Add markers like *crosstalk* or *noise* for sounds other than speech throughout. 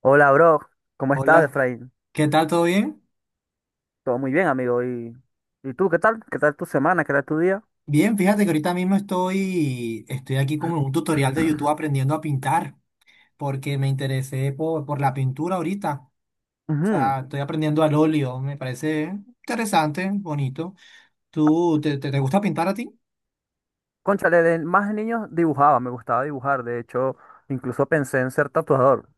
Hola, bro. ¿Cómo estás, Hola, Efraín? ¿qué tal? ¿Todo bien? Todo muy bien, amigo. ¿Y tú qué tal? ¿Qué tal tu semana? ¿Qué tal tu día? Bien, fíjate que ahorita mismo estoy aquí como en un tutorial de YouTube aprendiendo a pintar, porque me interesé por la pintura ahorita. O Ujú. sea, estoy aprendiendo al óleo, me parece interesante, bonito. ¿Tú te gusta pintar a ti? Cónchale, de más niños dibujaba, me gustaba dibujar. De hecho, incluso pensé en ser tatuador,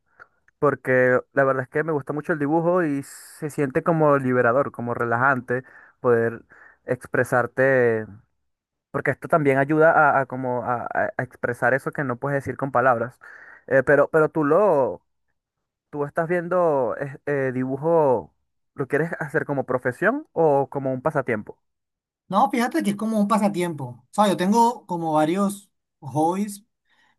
porque la verdad es que me gusta mucho el dibujo y se siente como liberador, como relajante poder expresarte, porque esto también ayuda a como a expresar eso que no puedes decir con palabras. Pero ¿Tú estás viendo dibujo, lo quieres hacer como profesión o como un pasatiempo? No, fíjate que es como un pasatiempo. O sea, yo tengo como varios hobbies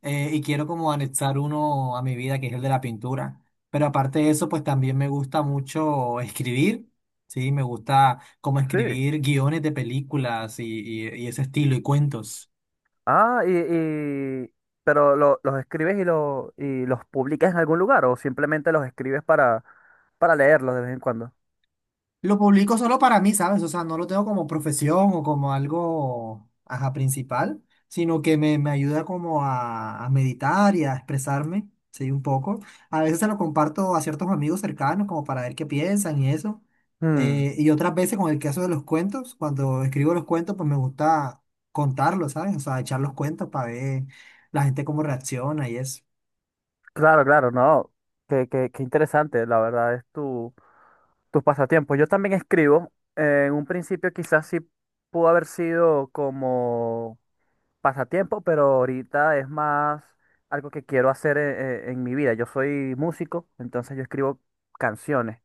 y quiero como anexar uno a mi vida, que es el de la pintura. Pero aparte de eso, pues también me gusta mucho escribir, ¿sí? Me gusta como Sí. escribir guiones de películas y ese estilo y cuentos. Ah, y, y- pero los escribes y los publicas en algún lugar o simplemente los escribes para leerlos de vez en cuando. Lo publico solo para mí, ¿sabes? O sea, no lo tengo como profesión o como algo, ajá, principal, sino que me ayuda como a meditar y a expresarme, sí, un poco. A veces se lo comparto a ciertos amigos cercanos como para ver qué piensan y eso. Mm, Y otras veces con el caso de los cuentos, cuando escribo los cuentos, pues me gusta contarlos, ¿sabes? O sea, echar los cuentos para ver la gente cómo reacciona y eso. claro, no. Qué interesante, la verdad, tus pasatiempos. Yo también escribo. En un principio quizás sí pudo haber sido como pasatiempo, pero ahorita es más algo que quiero hacer en mi vida. Yo soy músico, entonces yo escribo canciones.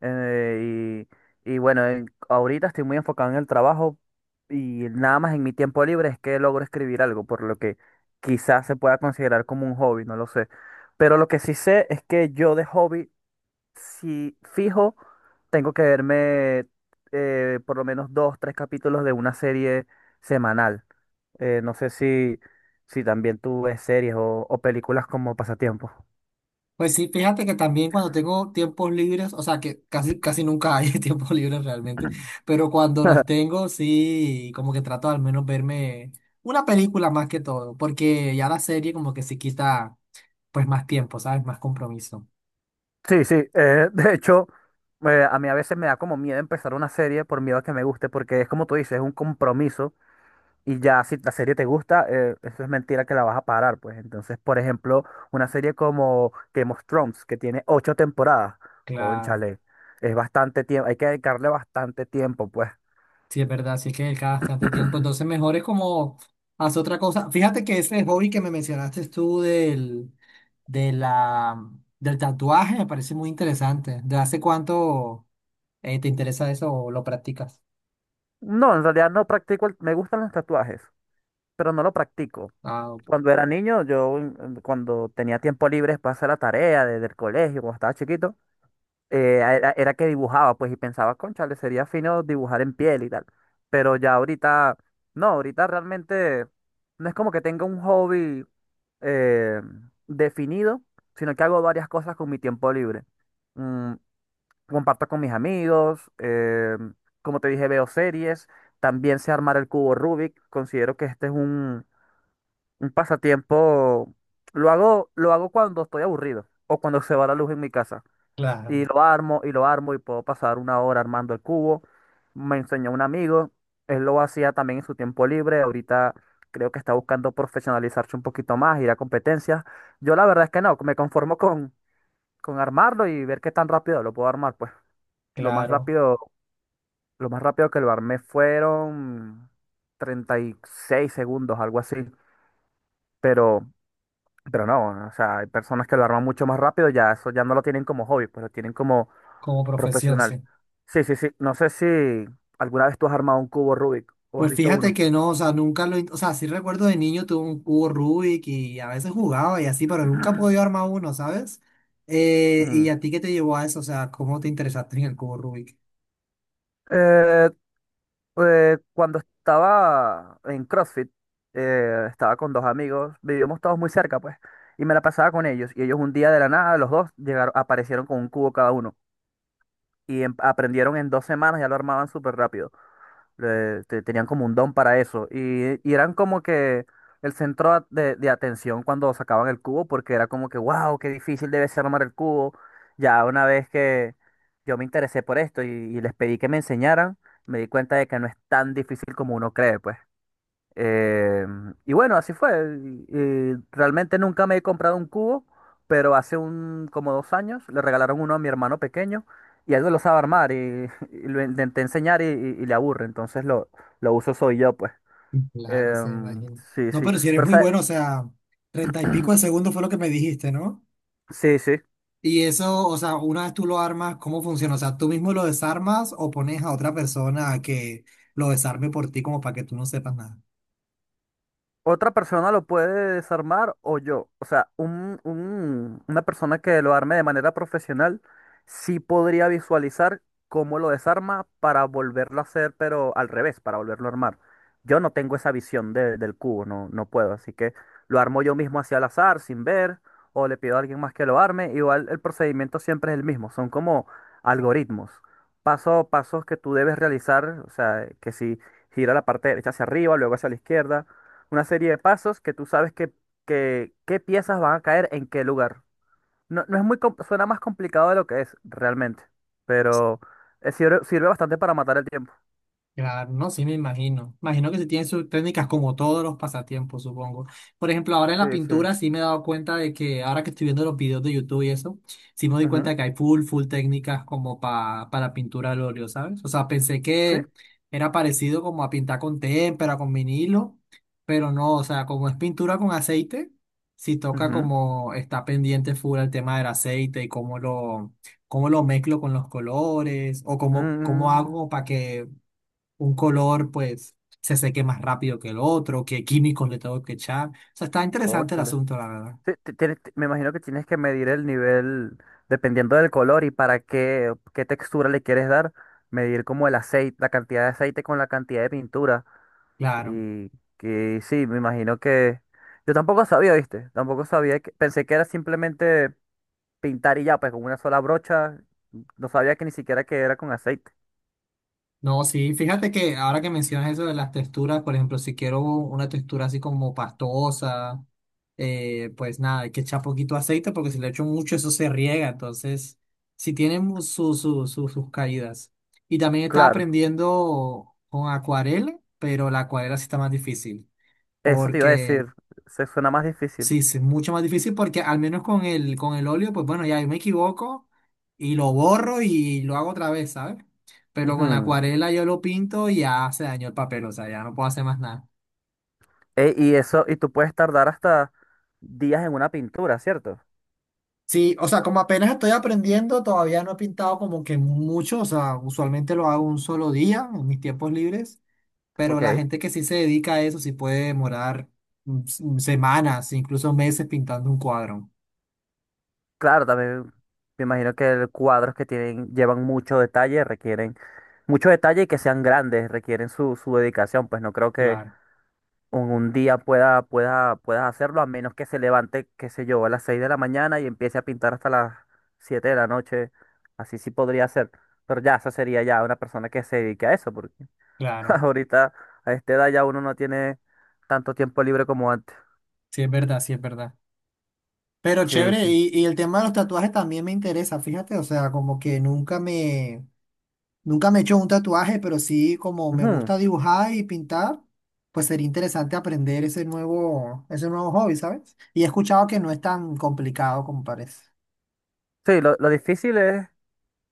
eh, y bueno, ahorita estoy muy enfocado en el trabajo y nada más en mi tiempo libre es que logro escribir algo, por lo que quizás se pueda considerar como un hobby, no lo sé. Pero lo que sí sé es que yo de hobby, si fijo, tengo que verme por lo menos dos, tres capítulos de una serie semanal. No sé si también tú ves series o películas como pasatiempo. Pues sí, fíjate que también cuando tengo tiempos libres, o sea que casi, casi nunca hay *laughs* tiempos libres realmente, pero cuando los tengo, sí, como que trato al menos verme una película más que todo, porque ya la serie como que sí quita pues más tiempo, ¿sabes? Más compromiso. Sí, sí. *laughs* De hecho, a mí a veces me da como miedo empezar una serie por miedo a que me guste, porque es como tú dices, es un compromiso y ya si la serie te gusta, eso es mentira que la vas a parar, pues. Entonces, por ejemplo, una serie como Game of Thrones, que tiene ocho temporadas, Claro, cónchale, es bastante tiempo, hay que dedicarle bastante tiempo, pues. sí es verdad, sí es que cada bastante tiempo, entonces mejor es como hacer otra cosa. Fíjate que ese hobby que me mencionaste tú de la, del tatuaje me parece muy interesante. ¿De hace cuánto? ¿Te interesa eso o lo practicas? No, en realidad no practico, me gustan los tatuajes, pero no lo practico. Ah, ok. Cuando era niño, yo cuando tenía tiempo libre para hacer la tarea desde el colegio, cuando estaba chiquito, era que dibujaba, pues, y pensaba, cónchale, sería fino dibujar en piel y tal. Pero ya ahorita, no, ahorita realmente no es como que tenga un hobby eh, definido, sino que hago varias cosas con mi tiempo libre. Mm, comparto con mis amigos, como te dije, veo series, también sé armar el cubo Rubik, considero que este es un pasatiempo. Lo hago cuando estoy aburrido o cuando se va la luz en mi casa. Y Claro, lo armo y lo armo y puedo pasar una hora armando el cubo. Me enseñó un amigo, él lo hacía también en su tiempo libre. Ahorita creo que está buscando profesionalizarse un poquito más, ir a competencias. Yo la verdad es que no, me conformo con armarlo y ver qué tan rápido lo puedo armar. Pues lo más claro, rápido, lo más rápido que lo armé fueron 36 segundos, algo así. Pero Pero no, o sea, hay personas que lo arman mucho más rápido, ya eso ya no lo tienen como hobby, pues lo tienen como como profesión, sí. profesional. Sí, sí, sí. No sé si alguna vez tú has armado un cubo Rubik o has Pues visto fíjate uno. que no, o sea, nunca lo, in- o sea, sí recuerdo de niño tuve un cubo Rubik y a veces jugaba y así, pero nunca he podido armar uno, ¿sabes? ¿Y Mm. a ti qué te llevó a eso? O sea, ¿cómo te interesaste en el cubo Rubik? Eh, Cuando estaba en CrossFit, estaba con dos amigos, vivíamos todos muy cerca, pues, y me la pasaba con ellos. Y ellos un día de la nada, los dos llegaron, aparecieron con un cubo cada uno. Y aprendieron en 2 semanas, ya lo armaban súper rápido. Tenían como un don para eso. Y eran como que el centro de atención cuando sacaban el cubo, porque era como que, wow, qué difícil debe ser armar el cubo. Ya una vez que yo me interesé por esto y les pedí que me enseñaran, me di cuenta de que no es tan difícil como uno cree, pues. Eh, y bueno, así fue. Y realmente nunca me he comprado un cubo, pero hace como 2 años le regalaron uno a mi hermano pequeño y él no lo sabe armar *laughs* y lo intenté enseñar y le aburre. Lo uso soy yo, pues. Claro, se Em, imagino. sí, No, sí. pero si eres Pero, muy ¿sabe? bueno, o sea, 30 y pico de segundo fue lo que me dijiste, ¿no? Sí, sí. Y eso, o sea, una vez tú lo armas, ¿cómo funciona? O sea, ¿tú mismo lo desarmas o pones a otra persona a que lo desarme por ti como para que tú no sepas nada? Otra persona lo puede desarmar o yo. O sea, una persona que lo arme de manera profesional sí podría visualizar cómo lo desarma para volverlo a hacer, pero al revés, para volverlo a armar. Yo no tengo esa visión del cubo, no, no puedo. Así que lo armo yo mismo hacia al azar, sin ver, o le pido a alguien más que lo arme. Igual el procedimiento siempre es el mismo. Son como algoritmos. Pasos que tú debes realizar. O sea, que si gira la parte derecha hacia arriba, luego hacia la izquierda una serie de pasos que tú sabes qué piezas van a caer en qué lugar. No, no es muy, suena más complicado de lo que es realmente, pero sirve bastante para matar el tiempo. Claro, no, sí me imagino. Imagino que sí tienen sus técnicas como todos los pasatiempos, supongo. Por ejemplo, ahora en Sí, la sí. pintura sí me he dado cuenta de que ahora que estoy viendo los videos de YouTube y eso, sí me doy cuenta Ujú. de que hay full, full técnicas como para pintura al óleo, ¿sabes? O sea, pensé Sí. que era parecido como a pintar con témpera, con vinilo, pero no, o sea, como es pintura con aceite, sí toca Ujú. como está pendiente full el tema del aceite y cómo lo mezclo con los colores o cómo, cómo Mm, hago para que un color pues se seque más rápido que el otro, qué químicos le tengo que echar. O sea, está interesante el cónchale. asunto, la verdad. Sí, me imagino que tienes que medir el nivel, dependiendo del color y para qué textura le quieres dar, medir como el aceite, la cantidad de aceite con la cantidad de pintura. Claro. Y, que sí, me imagino que… Yo tampoco sabía, ¿viste? Tampoco sabía que… Pensé que era simplemente pintar y ya, pues con una sola brocha. No sabía que ni siquiera que era con aceite. No, sí, fíjate que ahora que mencionas eso de las texturas, por ejemplo, si quiero una textura así como pastosa, pues nada, hay que echar poquito aceite porque si le echo mucho eso se riega, entonces sí tienen sus caídas. Y también estaba Claro, aprendiendo con acuarela, pero la acuarela sí está más difícil eso te iba a porque decir. Se suena más difícil. sí, sí, es mucho más difícil porque al menos con el óleo, pues bueno, ya yo me equivoco y lo borro y lo hago otra vez, ¿sabes? Pero con la Ujú. acuarela yo lo pinto y ya se dañó el papel, o sea, ya no puedo hacer más nada. Y eso, y tú puedes tardar hasta días en una pintura, ¿cierto? Sí, o sea, como apenas estoy aprendiendo, todavía no he pintado como que mucho, o sea, usualmente lo hago un solo día en mis tiempos libres, pero la Ok. gente que sí se dedica a eso sí puede demorar semanas, incluso meses pintando un cuadro. Claro, también me imagino que cuadros que tienen, llevan mucho detalle, requieren mucho detalle y que sean grandes, requieren su dedicación. Pues no creo que Claro, un día puedas hacerlo, a menos que se levante, qué sé yo, a las 6 de la mañana y empiece a pintar hasta las 7 de la noche. Así sí podría ser. Pero ya, esa sería ya una persona que se dedique a eso, porque *laughs* claro. ahorita a esta edad ya uno no tiene tanto tiempo libre como antes. Sí, es verdad, sí, es verdad. Pero Sí, chévere, sí. Y el tema de los tatuajes también me interesa, fíjate, o sea, como que nunca me, nunca me he hecho un tatuaje, pero sí como me Ujú. gusta dibujar y pintar, pues sería interesante aprender ese nuevo hobby, ¿sabes? Y he escuchado que no es tan complicado como parece. Sí, lo difícil es,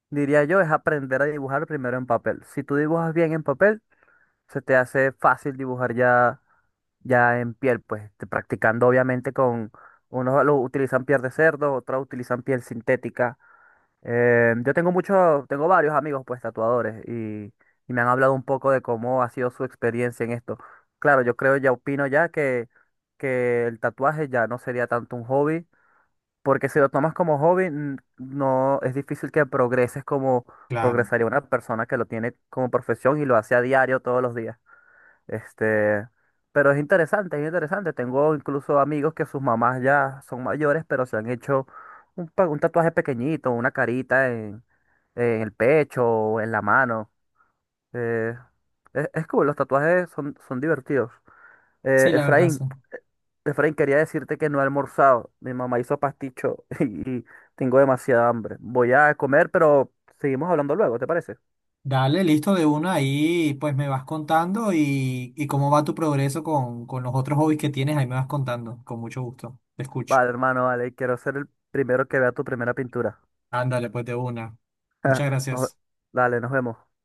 diría yo, es aprender a dibujar primero en papel. Si tú dibujas bien en papel, se te hace fácil dibujar ya en piel, pues practicando obviamente unos lo utilizan piel de cerdo, otros utilizan piel sintética. Yo tengo muchos, tengo varios amigos pues tatuadores y me han hablado un poco de cómo ha sido su experiencia en esto. Claro, yo creo, ya opino ya que el tatuaje ya no sería tanto un hobby, porque si lo tomas como hobby, no es difícil que progreses como Claro, progresaría una persona que lo tiene como profesión y lo hace a diario todos los días. Este, pero es interesante, es interesante. Tengo incluso amigos que sus mamás ya son mayores, pero se han hecho un tatuaje pequeñito, una carita en el pecho o en la mano. Eh, es cool, los tatuajes son, son divertidos. Eh, sí, la verdad, Efraín, sí. Efraín, quería decirte que no he almorzado. Mi mamá hizo pasticho *laughs* y, tengo demasiada hambre. Voy a comer, pero seguimos hablando luego, ¿te parece? Dale, listo de una ahí, pues me vas contando y cómo va tu progreso con los otros hobbies que tienes, ahí me vas contando, con mucho gusto, te escucho. Vale, hermano, vale, quiero ser el primero que vea tu primera pintura. Ándale, pues de una. *laughs* Muchas Nos- gracias. Dale, nos vemos.